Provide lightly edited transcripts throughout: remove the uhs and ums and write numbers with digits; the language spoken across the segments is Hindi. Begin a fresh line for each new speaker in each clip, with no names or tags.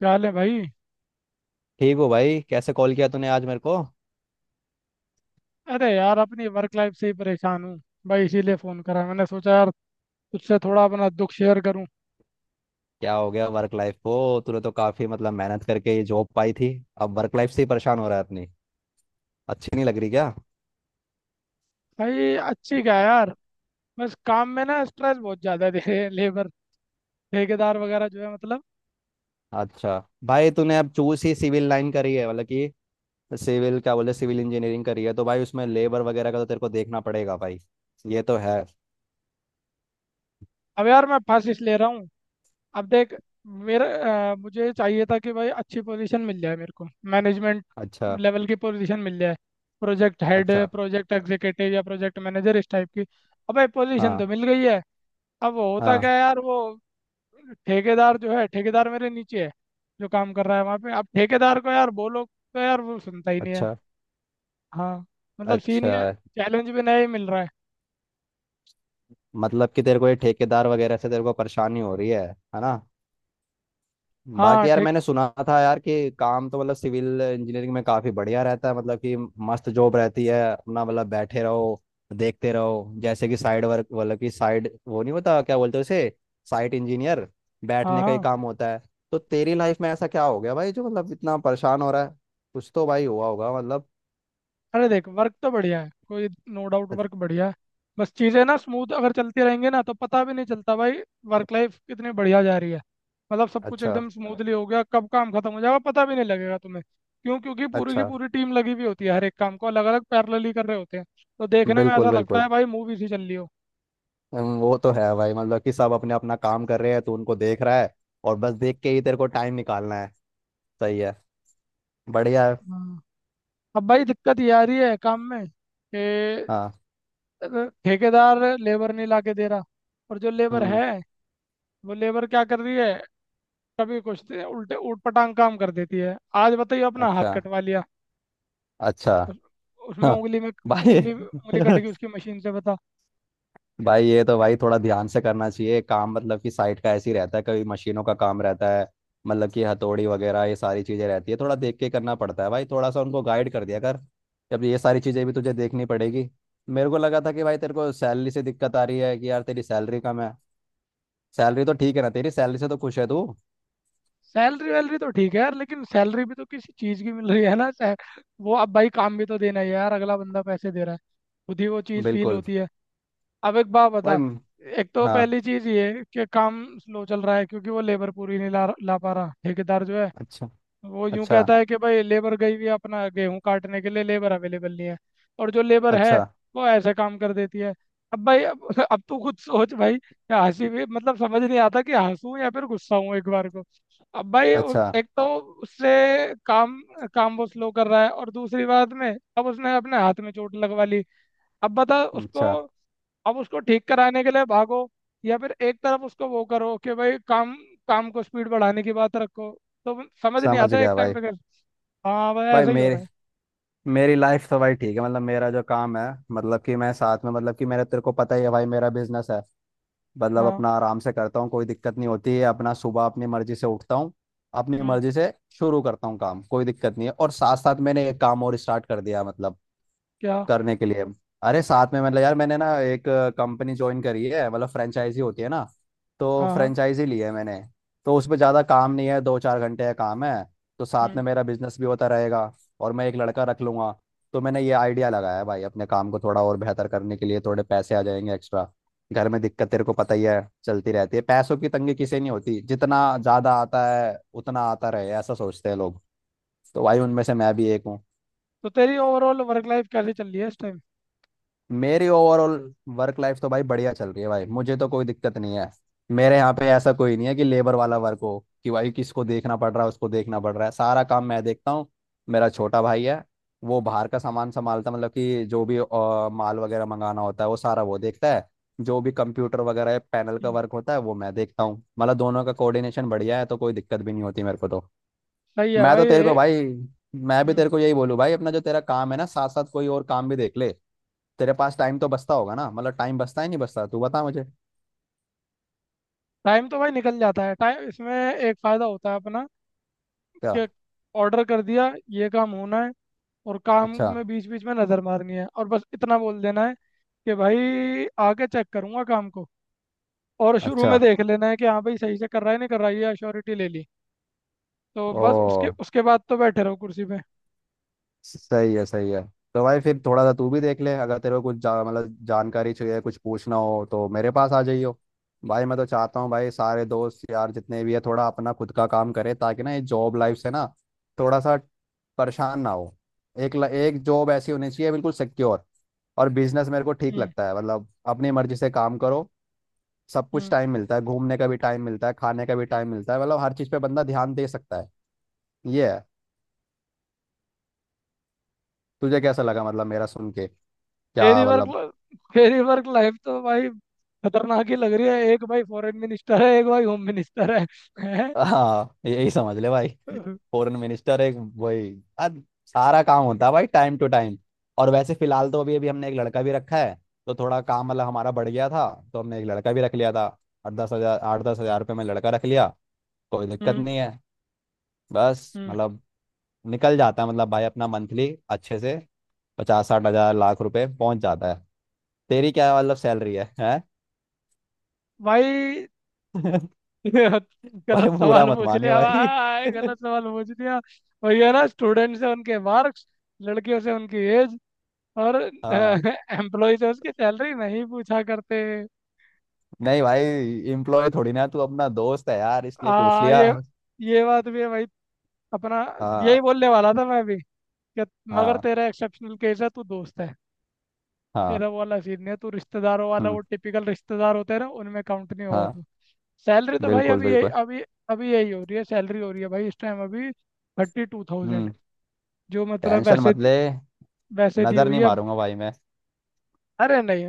क्या हाल है भाई।
ठीक हो भाई? कैसे कॉल किया तूने आज मेरे को?
अरे यार अपनी वर्क लाइफ से ही परेशान हूँ। भाई इसीलिए फ़ोन करा, मैंने सोचा यार तुझसे थोड़ा अपना दुख शेयर करूँ।
क्या हो गया वर्क लाइफ को? तूने तो काफी मतलब मेहनत करके ये जॉब पाई थी। अब वर्क लाइफ से ही परेशान हो रहा है अपनी। अच्छी नहीं लग रही क्या?
भाई अच्छी क्या है यार। बस काम में ना स्ट्रेस बहुत ज़्यादा दे। लेबर, ठेकेदार वगैरह जो है मतलब।
अच्छा। भाई तूने अब चूज ही सिविल लाइन करी है, मतलब कि सिविल क्या बोले, सिविल इंजीनियरिंग करी है, तो भाई उसमें लेबर वगैरह का तो तेरे को देखना पड़ेगा भाई। ये तो है।
अब यार मैं फंस इस ले रहा हूँ। अब देख मेरा, मुझे चाहिए था कि भाई अच्छी पोजीशन मिल जाए मेरे को। मैनेजमेंट
अच्छा।
लेवल की पोजीशन मिल जाए। प्रोजेक्ट हेड,
अच्छा।
प्रोजेक्ट एग्जीक्यूटिव या प्रोजेक्ट मैनेजर, इस टाइप की। अब भाई पोजीशन तो
हाँ
मिल गई है। अब वो होता क्या
हाँ।
है यार, वो ठेकेदार जो है, ठेकेदार मेरे नीचे है। जो काम कर रहा है वहाँ पे, अब ठेकेदार को यार बोलो तो यार वो सुनता ही नहीं है।
अच्छा।
हाँ। मतलब सीन
अच्छा।
ये। चैलेंज भी नया ही मिल रहा है।
मतलब कि तेरे को ये ठेकेदार वगैरह से तेरे को परेशानी हो रही है ना?
हाँ,
बाकी यार
ठीक।
मैंने सुना था यार कि काम तो मतलब सिविल इंजीनियरिंग में काफी बढ़िया रहता है। मतलब कि मस्त जॉब रहती है, अपना मतलब बैठे रहो, देखते रहो। जैसे कि साइड वर्क, मतलब कि साइड वो नहीं होता, क्या बोलते हैं उसे, साइट इंजीनियर।
हाँ
बैठने का ही
हाँ।
काम होता है। तो तेरी लाइफ में ऐसा क्या हो गया भाई जो मतलब इतना परेशान हो रहा है? कुछ तो भाई हुआ होगा मतलब।
अरे देख वर्क तो बढ़िया है, कोई नो डाउट,
अच-
वर्क बढ़िया है। बस चीज़ें ना स्मूथ अगर चलती रहेंगी ना तो पता भी नहीं चलता भाई वर्क लाइफ कितनी बढ़िया जा रही है। मतलब सब कुछ
अच्छा।
एकदम स्मूथली हो गया, कब काम खत्म हो जाएगा पता भी नहीं लगेगा तुम्हें। क्यों? क्योंकि पूरी की
अच्छा।
पूरी टीम लगी हुई होती है, हर एक काम को अलग अलग पैरेलली कर रहे होते हैं। तो देखने में
बिल्कुल
ऐसा लगता
बिल्कुल।
है भाई मूवी सी चल रही हो।
वो तो है भाई। मतलब कि सब अपने अपना काम कर रहे हैं तो उनको देख रहा है और बस देख के ही तेरे को टाइम निकालना है। सही है। बढ़िया है।
हाँ। अब भाई दिक्कत ये आ रही है काम में कि
हाँ।
अगर ठेकेदार लेबर नहीं लाके दे रहा, और जो लेबर
हम्म।
है वो लेबर क्या कर रही है, कभी कुछ दे- उल्टे ऊट पटांग काम कर देती है। आज बताइए अपना हाथ
अच्छा।
कटवा लिया।
अच्छा।
उस- उसमें
हाँ
उंगली में
भाई
उंगली उंगली कट गई उसकी, मशीन से, बता।
भाई ये तो भाई थोड़ा ध्यान से करना चाहिए काम। मतलब कि साइट का ऐसे ही रहता है, कभी मशीनों का काम रहता है, मतलब कि हथौड़ी वगैरह ये सारी चीज़ें रहती है, थोड़ा देख के करना पड़ता है भाई। थोड़ा सा उनको गाइड कर दिया कर। जब ये सारी चीज़ें भी तुझे देखनी पड़ेगी। मेरे को लगा था कि भाई तेरे को सैलरी से दिक्कत आ रही है, कि यार तेरी सैलरी कम है। सैलरी तो ठीक है ना? तेरी सैलरी से तो खुश है तू?
सैलरी वैलरी तो ठीक है यार, लेकिन सैलरी भी तो किसी चीज़ की मिल रही है ना। वो अब भाई काम भी तो देना ही है यार, अगला बंदा पैसे दे रहा है, खुद ही वो चीज़ फील
बिल्कुल।
होती है। अब एक बात
भाई।
बता। एक तो
हाँ।
पहली चीज ये है कि काम स्लो चल रहा है क्योंकि वो लेबर पूरी नहीं ला ला पा रहा ठेकेदार जो है।
अच्छा।
वो यूं
अच्छा।
कहता है कि भाई लेबर गई हुई है अपना गेहूं काटने के लिए, लेबर अवेलेबल नहीं है। और जो लेबर है
अच्छा।
वो ऐसे काम कर देती है। अब तू खुद सोच भाई कि हंसी भी, मतलब समझ नहीं आता कि हंसूं या फिर गुस्सा हूं एक बार को।
अच्छा।
एक तो उससे काम, वो स्लो कर रहा है और दूसरी बात में अब उसने अपने हाथ में चोट लगवा ली। अब बता उसको,
अच्छा।
अब उसको ठीक कराने के लिए भागो, या फिर एक तरफ उसको वो करो कि भाई काम, को स्पीड बढ़ाने की बात रखो। तो वो समझ नहीं
समझ
आता एक
गया
टाइम
भाई।
पे कर। हाँ भाई
भाई
ऐसा ही हो रहा
मेरे,
है।
मेरी लाइफ तो भाई ठीक है। मतलब मेरा जो काम है, मतलब कि मैं साथ में, मतलब कि मेरा तेरे को पता ही है भाई, मेरा बिजनेस है। मतलब
हाँ।
अपना आराम से करता हूँ, कोई दिक्कत नहीं होती है। अपना सुबह अपनी मर्जी से उठता हूँ, अपनी
हम्म।
मर्जी से शुरू करता हूँ काम, कोई दिक्कत नहीं है। और साथ साथ मैंने एक काम और स्टार्ट कर दिया है, मतलब
क्या?
करने के लिए। अरे साथ में, मतलब यार मैंने ना एक कंपनी ज्वाइन करी है, मतलब फ्रेंचाइजी होती है ना, तो
हाँ हाँ।
फ्रेंचाइजी ली है मैंने। तो उसमें ज़्यादा काम नहीं है, 2-4 घंटे का काम है। तो साथ
हम्म।
में मेरा बिजनेस भी होता रहेगा और मैं एक लड़का रख लूंगा। तो मैंने ये आइडिया लगाया है भाई, अपने काम को थोड़ा और बेहतर करने के लिए। थोड़े पैसे आ जाएंगे एक्स्ट्रा। घर में दिक्कत तेरे को पता ही है, चलती रहती है। पैसों की तंगी किसे नहीं होती। जितना ज़्यादा आता है उतना आता रहे, ऐसा सोचते हैं लोग। तो भाई उनमें से मैं भी एक हूँ।
तो तेरी ओवरऑल वर्क लाइफ कैसे चल रही है इस टाइम?
मेरी ओवरऑल वर्क लाइफ तो भाई बढ़िया चल रही है भाई, मुझे तो कोई दिक्कत नहीं है। मेरे यहाँ पे ऐसा कोई नहीं है कि लेबर वाला वर्क हो, कि भाई किसको देखना पड़ रहा है, उसको देखना पड़ रहा है। सारा काम मैं देखता हूँ। मेरा छोटा भाई है, वो बाहर का सामान संभालता है। मतलब कि जो भी माल वगैरह मंगाना होता है वो सारा वो देखता है। जो भी कंप्यूटर वगैरह पैनल का
हम्म।
वर्क होता है वो मैं देखता हूँ। मतलब दोनों का कोऑर्डिनेशन बढ़िया है, तो कोई दिक्कत भी नहीं होती मेरे को तो।
सही है
मैं तो
भाई
तेरे को भाई, मैं भी
हम्म।
तेरे को यही बोलूँ भाई, अपना जो तेरा काम है ना, साथ साथ कोई और काम भी देख ले। तेरे पास टाइम तो बचता होगा ना? मतलब टाइम बचता ही नहीं, बचता? तू बता मुझे।
टाइम तो भाई निकल जाता है। टाइम, इसमें एक फ़ायदा होता है अपना
क्या?
कि ऑर्डर कर दिया, ये काम होना है, और काम
अच्छा।
में बीच बीच में नज़र मारनी है, और बस इतना बोल देना है कि भाई आके चेक करूंगा काम को। और शुरू
अच्छा।
में देख लेना है कि हाँ भाई सही से कर रहा है नहीं कर रहा है, ये अश्योरिटी ले ली। तो बस उसके
ओ।
उसके बाद तो बैठे रहो कुर्सी पे।
सही है सही है। तो भाई फिर थोड़ा सा तू भी देख ले। अगर तेरे को कुछ मतलब जानकारी चाहिए, कुछ पूछना हो तो मेरे पास आ जाइयो। भाई मैं तो चाहता हूँ भाई सारे दोस्त यार जितने भी है, थोड़ा अपना खुद का काम करे, ताकि ना ये जॉब लाइफ से ना थोड़ा सा परेशान ना हो। एक जॉब ऐसी होनी चाहिए बिल्कुल सिक्योर। और बिजनेस मेरे को ठीक
हम्म
लगता है मतलब, अपनी मर्जी से काम करो, सब कुछ
हम्म।
टाइम मिलता है, घूमने का भी टाइम मिलता है, खाने का भी टाइम मिलता है। मतलब हर चीज़ पे बंदा ध्यान दे सकता है। ये है। तुझे कैसा लगा, मतलब मेरा सुन के? क्या
मेरी वर्क
मतलब?
मेरी वर्क लाइफ तो भाई खतरनाक ही लग रही है। एक भाई फॉरेन मिनिस्टर है, एक भाई होम मिनिस्टर है, है?
हाँ यही समझ ले भाई।
हम्म।
फॉरेन मिनिस्टर एक वही। अब सारा काम होता है भाई टाइम टू टाइम। और वैसे फिलहाल तो अभी अभी हमने एक लड़का भी रखा है। तो थोड़ा काम मतलब हमारा बढ़ गया था, तो हमने एक लड़का भी रख लिया था। आठ दस हजार, 8-10 हजार रुपये में लड़का रख लिया। कोई दिक्कत नहीं है। बस
हम्म
मतलब निकल जाता है, मतलब भाई अपना मंथली अच्छे से 50-60 हजार, लाख रुपए पहुंच जाता है। तेरी क्या मतलब सैलरी है, है?
भाई।
भाई
गलत
बुरा
सवाल
मत
पूछ
मानियो
लिया
भाई।
भाई, गलत सवाल पूछ लिया। वही है ना, स्टूडेंट से उनके मार्क्स, लड़कियों से उनकी एज, और
हाँ।
एम्प्लॉय से उसकी सैलरी नहीं पूछा करते।
नहीं भाई, एम्प्लॉय थोड़ी ना तू, अपना दोस्त है यार, इसलिए पूछ
हाँ
लिया।
ये बात भी है भाई। अपना
हाँ
यही बोलने वाला था मैं भी कि, मगर
हाँ
तेरा एक्सेप्शनल केस है, तू दोस्त है।
हाँ।
तेरा वो वाला सीन नहीं है। तू रिश्तेदारों वाला, वो
हम्म।
टिपिकल रिश्तेदार होते हैं ना उनमें काउंट नहीं होगा
हाँ।
तू। सैलरी तो भाई
बिल्कुल
अभी यही,
बिल्कुल।
अभी अभी यही हो रही है। सैलरी हो रही है भाई इस टाइम अभी 32,000।
हम्म।
जो मतलब
टेंशन
वैसे
मत ले,
वैसे दी
नजर
हुई
नहीं
है अब।
मारूंगा भाई मैं।
अरे नहीं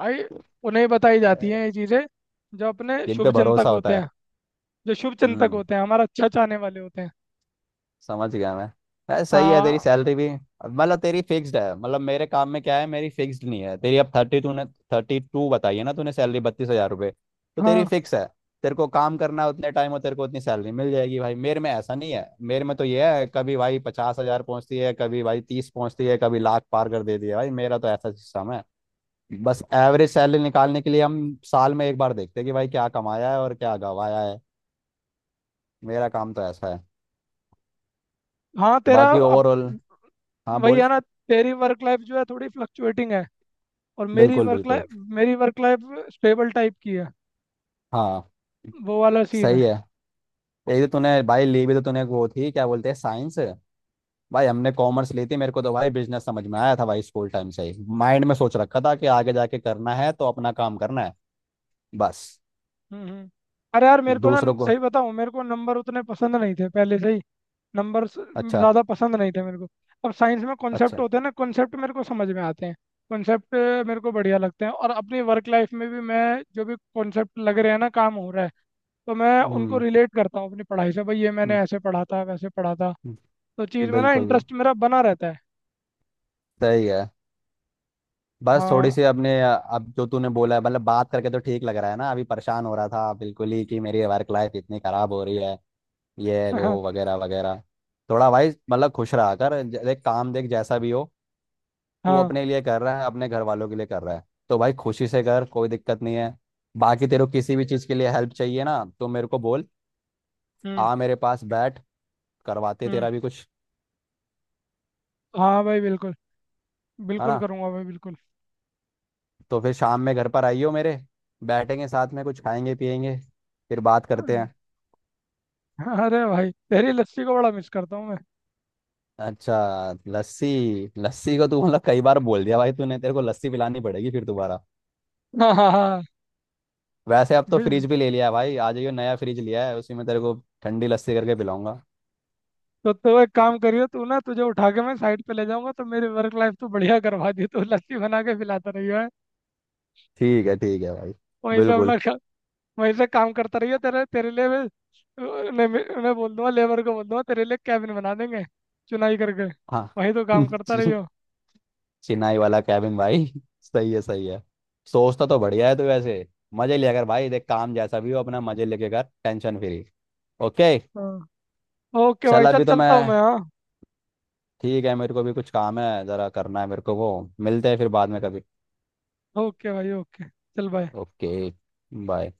भाई, उन्हें बताई जाती
ए,
हैं ये चीज़ें जो अपने
जिन पे
शुभ चिंतक
भरोसा
होते
होता है।
हैं, जो शुभ चिंतक
हम्म।
होते हैं, हमारा अच्छा चाहने वाले होते हैं।
समझ गया मैं। अरे सही है तेरी
आ,
सैलरी भी। मतलब तेरी फिक्स्ड है। मतलब मेरे काम में क्या है, मेरी फिक्स्ड नहीं है। तेरी अब थर्टी तूने, 32 बताई है ना तूने, सैलरी 32 हजार रुपये, तो तेरी
हाँ
फिक्स है। तेरे को काम करना है उतने टाइम और तेरे को उतनी सैलरी मिल जाएगी। भाई मेरे में ऐसा नहीं है। मेरे में तो ये है, कभी भाई 50 हजार पहुंचती है, कभी भाई 30 पहुंचती है, कभी लाख पार कर देती है। भाई मेरा तो ऐसा सिस्टम है। बस एवरेज सैलरी निकालने के लिए हम साल में एक बार देखते हैं कि भाई क्या कमाया है और क्या गवाया है। मेरा काम तो ऐसा है।
हाँ। तेरा
बाकी
अब
ओवरऑल, हाँ
वही
बोल।
है ना, तेरी वर्क लाइफ जो है थोड़ी फ्लक्चुएटिंग है, और मेरी
बिल्कुल
वर्क
बिल्कुल।
लाइफ, मेरी वर्क लाइफ स्टेबल टाइप की है।
हाँ।
वो वाला सीन है।
सही है। यही तो तूने भाई ली भी, तो तूने वो थी, क्या बोलते हैं, साइंस। भाई हमने कॉमर्स ली थी। मेरे को तो भाई बिजनेस समझ में आया था भाई। स्कूल टाइम से ही माइंड में सोच रखा था कि आगे जाके करना है तो अपना काम करना है, बस।
हम्म। हम्म। अरे यार मेरे को ना
दूसरों को।
सही बताऊं, मेरे को नंबर उतने पसंद नहीं थे पहले से ही। नंबर
अच्छा।
ज़्यादा पसंद नहीं थे मेरे को। अब साइंस में कॉन्सेप्ट
अच्छा।
होते हैं ना, कॉन्सेप्ट मेरे को समझ में आते हैं। कॉन्सेप्ट मेरे को बढ़िया लगते हैं, और अपनी वर्क लाइफ में भी मैं जो भी कॉन्सेप्ट लग रहे हैं ना काम हो रहा है तो मैं
हम्म
उनको
हम्म,
रिलेट करता हूँ अपनी पढ़ाई से, भाई ये मैंने
हम्म,
ऐसे पढ़ा था, वैसे पढ़ा था। तो चीज़ में ना
बिल्कुल।
इंटरेस्ट मेरा बना रहता है।
सही है। बस थोड़ी
हाँ।
सी अपने, अब जो तूने बोला है, मतलब बात करके तो ठीक लग रहा है ना, अभी परेशान हो रहा था बिल्कुल ही कि मेरी वर्क लाइफ इतनी खराब हो रही है, ये
हाँ
वो वगैरह वगैरह। थोड़ा भाई मतलब खुश रहा कर। देख काम, देख जैसा भी हो, तू
हाँ।
अपने लिए कर रहा है, अपने घर वालों के लिए कर रहा है, तो भाई खुशी से कर, कोई दिक्कत नहीं है। बाकी तेरे को किसी भी चीज़ के लिए हेल्प चाहिए ना तो मेरे को बोल,
हम्म
आ मेरे पास बैठ, करवाते
हम्म।
तेरा भी कुछ,
हाँ भाई बिल्कुल,
है
बिल्कुल
ना?
करूँगा भाई, बिल्कुल।
तो फिर शाम में घर पर आइयो मेरे। बैठेंगे साथ में, कुछ खाएंगे पियेंगे, फिर बात करते हैं।
अरे भाई तेरी लस्सी को बड़ा मिस करता हूँ मैं।
अच्छा, लस्सी। लस्सी को तू मतलब कई बार बोल दिया भाई तूने, तेरे को लस्सी पिलानी पड़ेगी फिर दोबारा।
हाँ हाँ हाँ।
वैसे अब तो
बिल-
फ्रिज भी ले लिया है भाई, आ जाइयो, नया फ्रिज लिया है, उसी में तेरे को ठंडी लस्सी करके पिलाऊंगा।
तो तू एक काम करियो, तू ना, तुझे उठा के मैं साइड पे ले जाऊंगा, तो मेरी वर्क लाइफ तो बढ़िया करवा दी, तू लस्सी बना के पिलाता रहियो है।
ठीक है भाई।
वहीं से
बिल्कुल।
अपना वहीं से काम करता रहियो। तेरे तेरे लिए मैं उन्हें उन्हें बोल दूंगा, लेबर को बोल दूंगा तेरे लिए कैबिन बना देंगे, चुनाई करके,
हाँ।
वहीं तो काम करता
चि-
रहियो।
चिनाई वाला कैबिन भाई सही है सही है। सोचता तो बढ़िया है तू वैसे। मजे लिया कर भाई, देख काम जैसा भी हो अपना मजे लेके कर, टेंशन फ्री। ओके।
हाँ ओके
चल
भाई, चल
अभी तो
चलता हूँ मैं।
मैं,
हाँ
ठीक है, मेरे को भी कुछ काम है जरा, करना है मेरे को वो। मिलते हैं फिर बाद में कभी।
ओके भाई ओके, चल बाय।
ओके। बाय।